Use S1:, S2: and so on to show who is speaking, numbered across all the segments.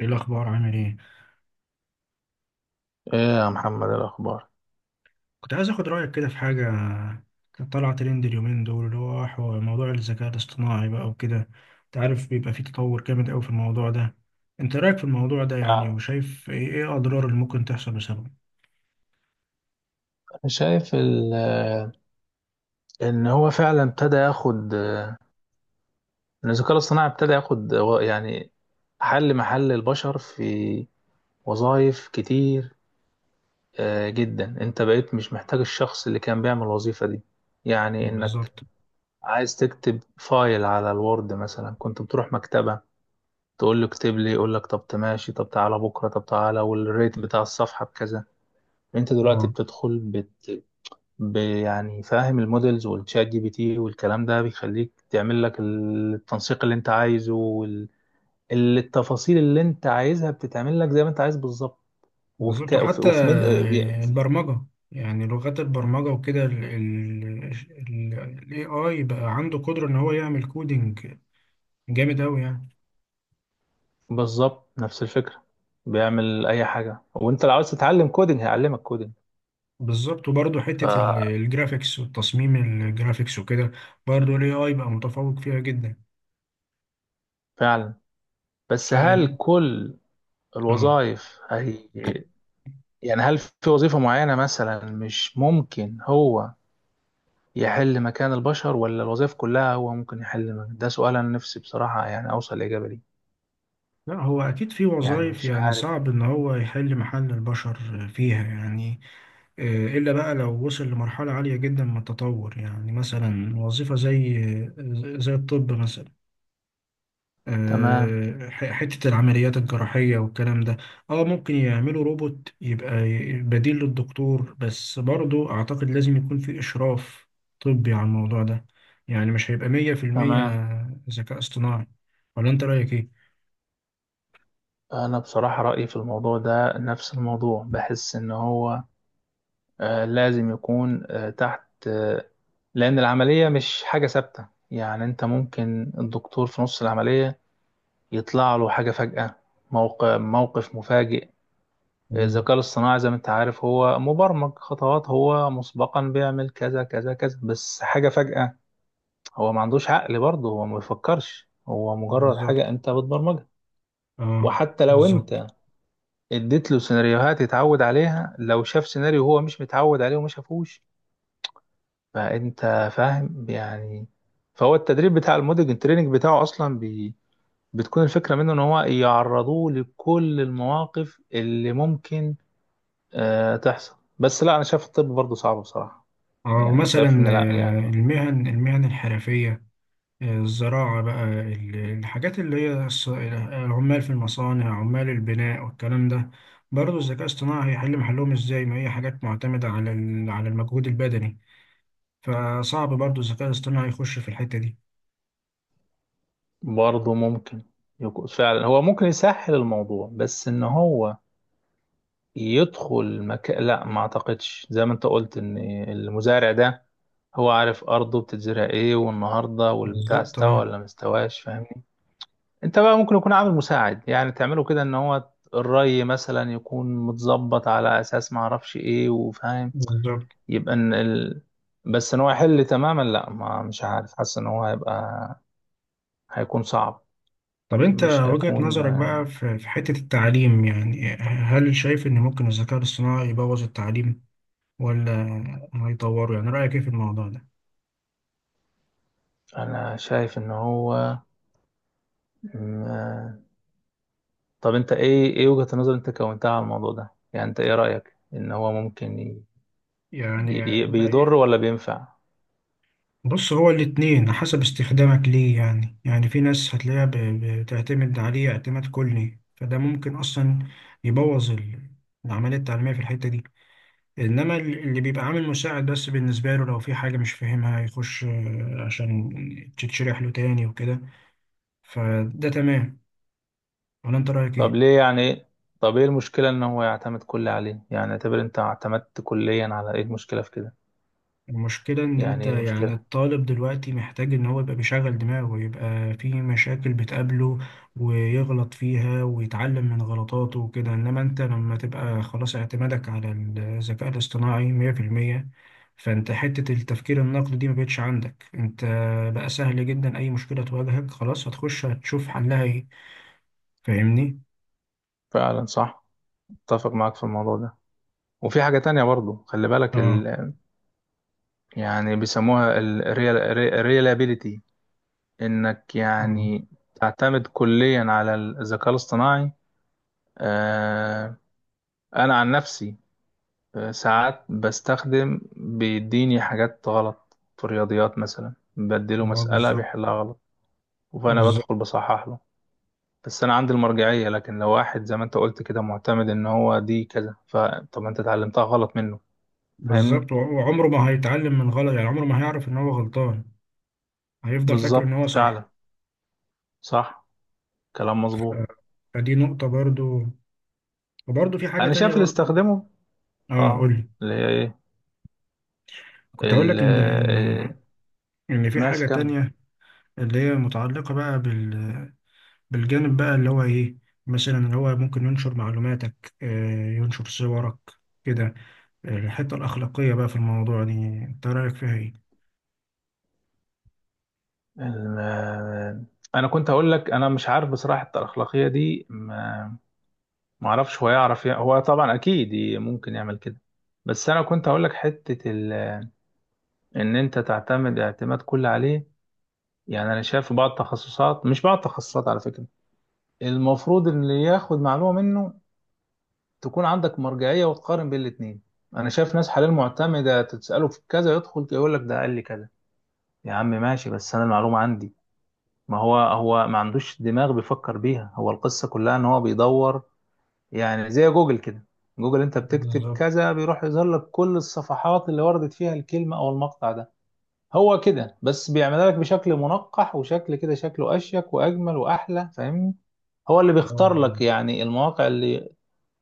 S1: ايه الاخبار عامل ايه؟
S2: ايه يا محمد، إيه الاخبار؟
S1: كنت عايز اخد رايك كده في حاجه كانت طالعه ترند اليومين دول موضوع الذكاء الاصطناعي بقى وكده. انت عارف بيبقى فيه تطور جامد قوي في الموضوع ده. انت رايك في الموضوع ده يعني،
S2: فعلا.
S1: وشايف إيه اضرار اللي ممكن تحصل بسببه؟
S2: انا شايف ان هو فعلا ابتدى ياخد، ان الذكاء الاصطناعي ابتدى ياخد يعني حل محل البشر في وظائف كتير جدا. انت بقيت مش محتاج الشخص اللي كان بيعمل الوظيفة دي، يعني انك
S1: بالظبط.
S2: عايز تكتب فايل على الوورد مثلا. كنت بتروح مكتبة تقول له اكتب لي، يقول لك طب تماشي، طب تعالى بكرة، طب تعالى والريت بتاع الصفحة بكذا. انت دلوقتي
S1: اه،
S2: بتدخل يعني فاهم، المودلز والشات جي بي تي والكلام ده بيخليك تعمل لك التنسيق اللي انت عايزه وال... ال- التفاصيل اللي انت عايزها بتتعمل لك زي ما انت عايز بالظبط. وفي ك...
S1: بالظبط.
S2: وفي
S1: وحتى
S2: وفي من...
S1: البرمجه، يعني لغات البرمجه وكده، ال AI بقى عنده قدره ان هو يعمل كودينج جامد قوي يعني.
S2: بالظبط، نفس الفكرة. بيعمل اي حاجة، وانت لو عاوز تتعلم كودينج هيعلمك كودينج.
S1: بالظبط. وبرضه حتة
S2: ففعلا.
S1: الجرافيكس والتصميم، الجرافيكس وكده برضه ال AI بقى متفوق فيها جدا. ف
S2: بس هل كل
S1: اه،
S2: الوظائف هي، يعني هل في وظيفة معينة مثلا مش ممكن هو يحل مكان البشر، ولا الوظائف كلها هو ممكن يحل مكان؟ ده سؤال أنا نفسي بصراحة يعني أوصل لإجابة ليه.
S1: لا هو أكيد في
S2: يعني
S1: وظائف
S2: مش
S1: يعني
S2: عارف.
S1: صعب إن هو يحل محل البشر فيها يعني، إلا بقى لو وصل لمرحلة عالية جدا من التطور. يعني مثلا وظيفة زي زي الطب مثلا،
S2: تمام.
S1: حتة العمليات الجراحية والكلام ده. اه ممكن يعملوا روبوت يبقى بديل للدكتور، بس برضو اعتقد لازم يكون في اشراف طبي على الموضوع ده. يعني مش هيبقى مية في المية
S2: تمام.
S1: ذكاء اصطناعي. ولا انت رأيك ايه؟
S2: أنا بصراحة رأيي في الموضوع ده نفس الموضوع، بحس إن هو لازم يكون تحت، آه لأن العملية مش حاجة ثابتة، يعني أنت ممكن الدكتور في نص العملية يطلع له حاجة فجأة، موقف مفاجئ.
S1: مم.
S2: الذكاء الاصطناعي زي ما انت عارف، هو مبرمج خطوات، هو مسبقا بيعمل كذا كذا كذا، بس حاجة فجأة هو ما عندوش عقل برضه، هو ما بيفكرش، هو مجرد حاجة
S1: بالظبط.
S2: انت بتبرمجها.
S1: اه،
S2: وحتى لو
S1: بالظبط.
S2: انت اديت له سيناريوهات يتعود عليها، لو شاف سيناريو هو مش متعود عليه وما شافوش، فانت فاهم يعني. فهو التدريب بتاع الموديل، التريننج بتاعه اصلا بتكون الفكرة منه ان هو يعرضوه لكل المواقف اللي ممكن تحصل. بس لا، انا شايف الطب برضه صعب بصراحة.
S1: اه،
S2: يعني
S1: ومثلا
S2: شايف ان لا
S1: آه،
S2: يعني.
S1: المهن المهن الحرفية، الزراعة بقى، الحاجات اللي هي عمال في المصانع، عمال البناء والكلام ده، برضه الذكاء الاصطناعي هيحل محلهم ازاي؟ ما هي حاجات معتمدة على على المجهود البدني، فصعب برضه الذكاء الاصطناعي يخش في الحتة دي.
S2: برضه ممكن يكون فعلا هو ممكن يسهل الموضوع، بس ان هو يدخل مكان لا، ما اعتقدش. زي ما انت قلت ان المزارع ده هو عارف ارضه بتتزرع ايه، والنهارده والبتاع
S1: بالظبط.
S2: استوى
S1: اه،
S2: ولا ما استواش. فاهمني؟ انت بقى ممكن يكون عامل مساعد، يعني تعمله كده ان هو الري مثلا يكون متظبط على اساس ما اعرفش ايه، وفاهم
S1: بالظبط.
S2: يبقى ان ال... بس ان هو يحل تماما لا، ما مش عارف، حاسس ان هو هيبقى هيكون صعب.
S1: طب انت
S2: مش
S1: وجهة
S2: هيكون.
S1: نظرك بقى في في حتة التعليم، يعني هل شايف ان ممكن الذكاء الاصطناعي يبوظ التعليم ولا هيطوره؟ يعني رأيك ايه في الموضوع ده؟
S2: انا شايف ان هو م- طب انت ايه، ايه وجهة النظر انت كونتها على الموضوع ده؟ يعني انت ايه رأيك ان هو ممكن
S1: يعني
S2: بيضر ولا بينفع؟
S1: بص، هو الاتنين حسب استخدامك ليه. يعني يعني في ناس هتلاقيها بتعتمد عليه اعتماد كلي، فده ممكن أصلا يبوظ العملية التعليمية في الحتة دي. إنما اللي بيبقى عامل مساعد بس بالنسبة له، لو في حاجة مش فاهمها يخش عشان تتشرح له تاني وكده، فده تمام. ولا أنت رأيك
S2: طب
S1: إيه؟
S2: ليه يعني؟ طب ايه المشكلة ان هو يعتمد كل عليه؟ يعني اعتبر انت اعتمدت كليا على، ايه المشكلة في كده؟
S1: المشكلة إن
S2: يعني
S1: أنت
S2: ايه
S1: يعني
S2: المشكلة؟
S1: الطالب دلوقتي محتاج إن هو يبقى بيشغل دماغه، ويبقى في مشاكل بتقابله ويغلط فيها ويتعلم من غلطاته وكده. إنما أنت لما تبقى خلاص اعتمادك على الذكاء الاصطناعي مية في المية، فأنت حتة التفكير النقدي دي مبقتش عندك. أنت بقى سهل جدا، أي مشكلة تواجهك خلاص هتخش هتشوف حلها إيه. فاهمني؟
S2: فعلا صح، اتفق معاك في الموضوع ده. وفي حاجة تانية برضو، خلي بالك،
S1: آه.
S2: يعني بيسموها الريلابيليتي، انك
S1: آه.
S2: يعني تعتمد كليا على الذكاء الاصطناعي. آه، انا عن نفسي، ساعات بستخدم، بيديني حاجات غلط. في الرياضيات مثلا بديله
S1: آه،
S2: مسألة
S1: بالظبط.
S2: بيحلها غلط، فانا بدخل
S1: بالظبط.
S2: بصحح له. بس انا عندي المرجعية، لكن لو واحد زي ما انت قلت كده معتمد ان هو دي كذا، فطب انت اتعلمتها غلط منه. فاهمني؟
S1: بالظبط، وعمره ما هيتعلم من غلط، يعني عمره ما هيعرف إن هو غلطان، هيفضل فاكر ان هو
S2: بالظبط،
S1: صح.
S2: فعلا صح، كلام مظبوط.
S1: آه، فدي نقطة برضو. وبرضو في حاجة
S2: انا شايف
S1: تانية
S2: اللي
S1: برضو.
S2: استخدمه.
S1: اه،
S2: اه،
S1: قولي.
S2: اللي هي ايه؟
S1: كنت هقول
S2: ال
S1: لك ان
S2: آه،
S1: ان ان في
S2: ماشي
S1: حاجة
S2: كمل.
S1: تانية، اللي هي متعلقة بقى بالجانب بقى اللي هو ايه. مثلا اللي هو ممكن ينشر معلوماتك، ينشر صورك كده. الحتة الأخلاقية بقى في الموضوع دي، انت رأيك فيها ايه؟
S2: ال- آه، انا كنت هقول لك انا مش عارف بصراحه، الاخلاقيه دي ما اعرفش. هو يعرف هو طبعا اكيد ممكن يعمل كده. بس انا كنت هقول لك حته ال... ان انت تعتمد اعتماد كلي عليه. يعني انا شايف في بعض التخصصات، مش بعض التخصصات على فكره، المفروض اللي ياخد معلومه منه تكون عندك مرجعيه وتقارن بين الاثنين. انا شايف ناس حاليا معتمده، تساله في كذا يدخل يقول لك ده قال لي كذا. يا عم ماشي، بس انا المعلومه عندي. ما هو هو ما عندوش دماغ بيفكر بيها، هو القصة كلها ان هو بيدور. يعني زي جوجل كده. جوجل انت بتكتب
S1: بالظبط.
S2: كذا، بيروح يظهر لك كل الصفحات اللي وردت فيها الكلمة او المقطع ده. هو كده بس، بيعملها لك بشكل منقح وشكل كده، شكله اشيك واجمل واحلى. فاهمني؟ هو اللي بيختار لك
S1: اه،
S2: يعني المواقع اللي،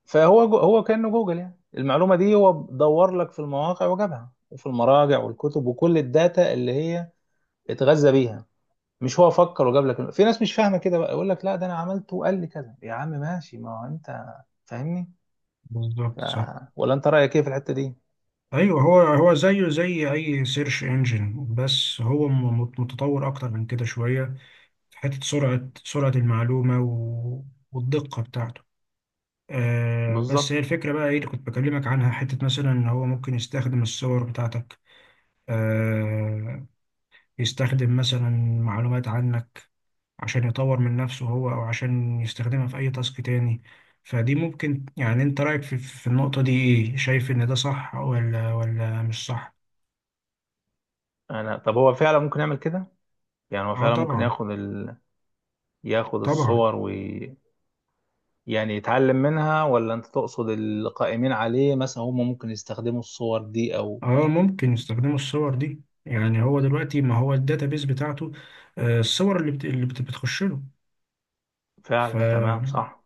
S2: هو كأنه جوجل. يعني المعلومة دي هو دور لك في المواقع وجابها، وفي المراجع والكتب وكل الداتا اللي هي اتغذى بيها. مش هو فكر وجاب لك في ناس مش فاهمه كده بقى، يقول لك لا ده انا عملته وقال لي كذا. يا عم ماشي، ما هو انت فاهمني.
S1: بالظبط،
S2: ف...
S1: صح.
S2: ولا انت رايك ايه في الحته دي؟
S1: ايوه، هو هو زيه زي اي سيرش انجن، بس هو متطور اكتر من كده شوية، في حتة سرعة المعلومة و... والدقة بتاعته. آه، بس
S2: بالظبط.
S1: هي الفكرة بقى ايه اللي كنت بكلمك عنها؟ حتة مثلا ان هو ممكن يستخدم الصور بتاعتك، آه، يستخدم مثلا معلومات عنك عشان يطور من نفسه هو، او عشان يستخدمها في اي تاسك تاني. فدي ممكن، يعني انت رأيك في النقطة دي ايه؟ شايف ان ده صح ولا مش صح؟
S2: انا طب هو فعلا ممكن يعمل كده. يعني هو
S1: اه،
S2: فعلا ممكن
S1: طبعا.
S2: ياخد ال... ياخد
S1: طبعا.
S2: الصور، ويعني يتعلم منها. ولا انت تقصد القائمين عليه مثلا هم ممكن يستخدموا الصور دي او
S1: اه، ممكن يستخدموا الصور دي. يعني هو دلوقتي ما هو الداتابيز بتاعته، الصور بتخش له. ف
S2: فعلا؟ تمام صح.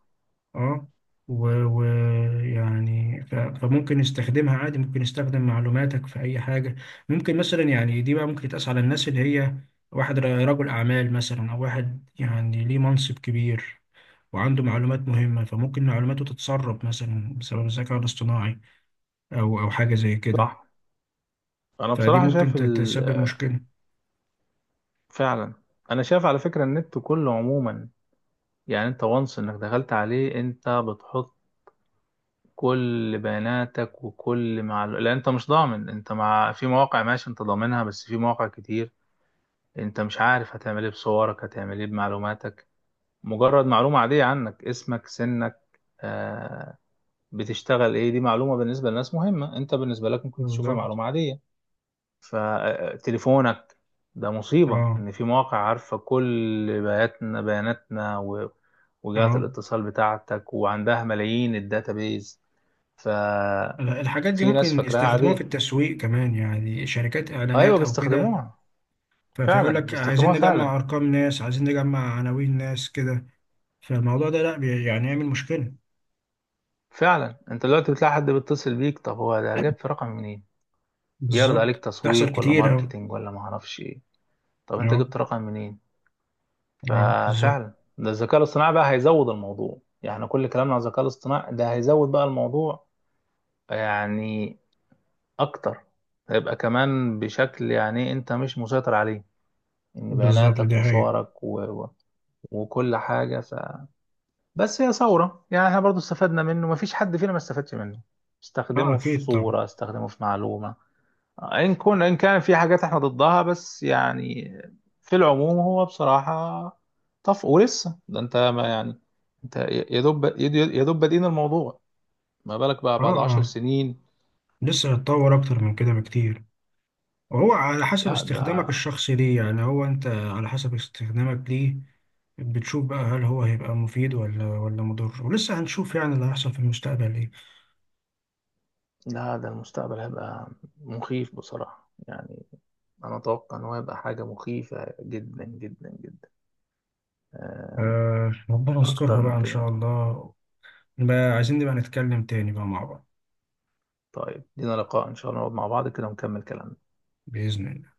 S1: اه، ويعني ف، فممكن يستخدمها عادي، ممكن يستخدم معلوماتك في اي حاجه. ممكن مثلا، يعني دي بقى ممكن تقاس على الناس اللي هي واحد رجل اعمال مثلا، او واحد يعني ليه منصب كبير وعنده معلومات مهمه، فممكن معلوماته تتسرب مثلا بسبب الذكاء الاصطناعي، او حاجه زي كده.
S2: صح. انا
S1: فدي
S2: بصراحه شايف
S1: ممكن
S2: ال...
S1: تسبب مشكله.
S2: فعلا. انا شايف على فكره النت كله عموما، يعني انت وانس انك دخلت عليه، انت بتحط كل بياناتك وكل معلومة، لان انت مش ضامن. انت مع في مواقع ماشي انت ضامنها، بس في مواقع كتير انت مش عارف هتعمل ايه بصورك، هتعمل ايه بمعلوماتك. مجرد معلومة عادية عنك، اسمك، سنك، آه بتشتغل ايه، دي معلومة بالنسبة للناس مهمة، انت بالنسبة لك ممكن تشوفها
S1: بالظبط.
S2: معلومة عادية. فتليفونك ده مصيبة،
S1: اه.
S2: ان في مواقع عارفة كل بياناتنا، وجهات
S1: اه،
S2: الاتصال بتاعتك، وعندها ملايين الداتابيز.
S1: الحاجات دي
S2: في ناس
S1: ممكن
S2: فاكراها
S1: يستخدموها في
S2: عادية.
S1: التسويق كمان، يعني شركات
S2: ايوه
S1: اعلانات او كده.
S2: بيستخدموها، فعلا
S1: فيقول لك عايزين
S2: بيستخدموها فعلا.
S1: نجمع ارقام ناس، عايزين نجمع عناوين ناس كده. فالموضوع ده لا يعني يعمل مشكلة.
S2: فعلا انت دلوقتي بتلاقي حد بيتصل بيك، طب هو ده جاب في رقم منين؟ يعرض عليك
S1: بالظبط، تحصل
S2: تسويق ولا
S1: كتير. اه.
S2: ماركتينج ولا ما اعرفش ايه. طب انت
S1: اه.
S2: جبت رقم منين؟
S1: اه، بالظبط.
S2: ففعلا، ده الذكاء الاصطناعي بقى هيزود الموضوع. يعني إحنا كل كلامنا عن الذكاء الاصطناعي، ده هيزود بقى الموضوع يعني اكتر. هيبقى كمان بشكل يعني انت مش مسيطر عليه، ان
S1: بالظبط،
S2: بياناتك
S1: دي حقيقة.
S2: وصورك و وكل حاجة. بس هي ثورة، يعني احنا برضو استفدنا منه، مفيش حد فينا ما استفادش منه،
S1: اه،
S2: استخدمه في
S1: اكيد طبعا.
S2: صورة، استخدمه في معلومة. إن كان في حاجات احنا ضدها، بس يعني في العموم هو بصراحة طف. ولسه ده انت ما يعني، انت يا دوب يا دوب بادئين الموضوع، ما بالك بقى
S1: اه.
S2: بعد عشر
S1: اه،
S2: سنين
S1: لسه هيتطور اكتر من كده بكتير. هو على حسب
S2: لا
S1: استخدامك
S2: ده
S1: الشخصي ليه. يعني هو انت على حسب استخدامك ليه بتشوف بقى هل هو هيبقى مفيد ولا مضر. ولسه هنشوف يعني اللي هيحصل في المستقبل ايه.
S2: لا ده المستقبل هيبقى مخيف بصراحة يعني. أنا أتوقع إن هو هيبقى حاجة مخيفة جدا جدا جدا. آه،
S1: آه، ربنا
S2: أكتر
S1: يسترها بقى
S2: من
S1: ان
S2: كده.
S1: شاء الله. بقى عايزين نبقى نتكلم تاني بقى مع بعض.
S2: طيب لينا لقاء إن شاء الله، نقعد مع بعض كده ونكمل كلامنا.
S1: بإذن الله.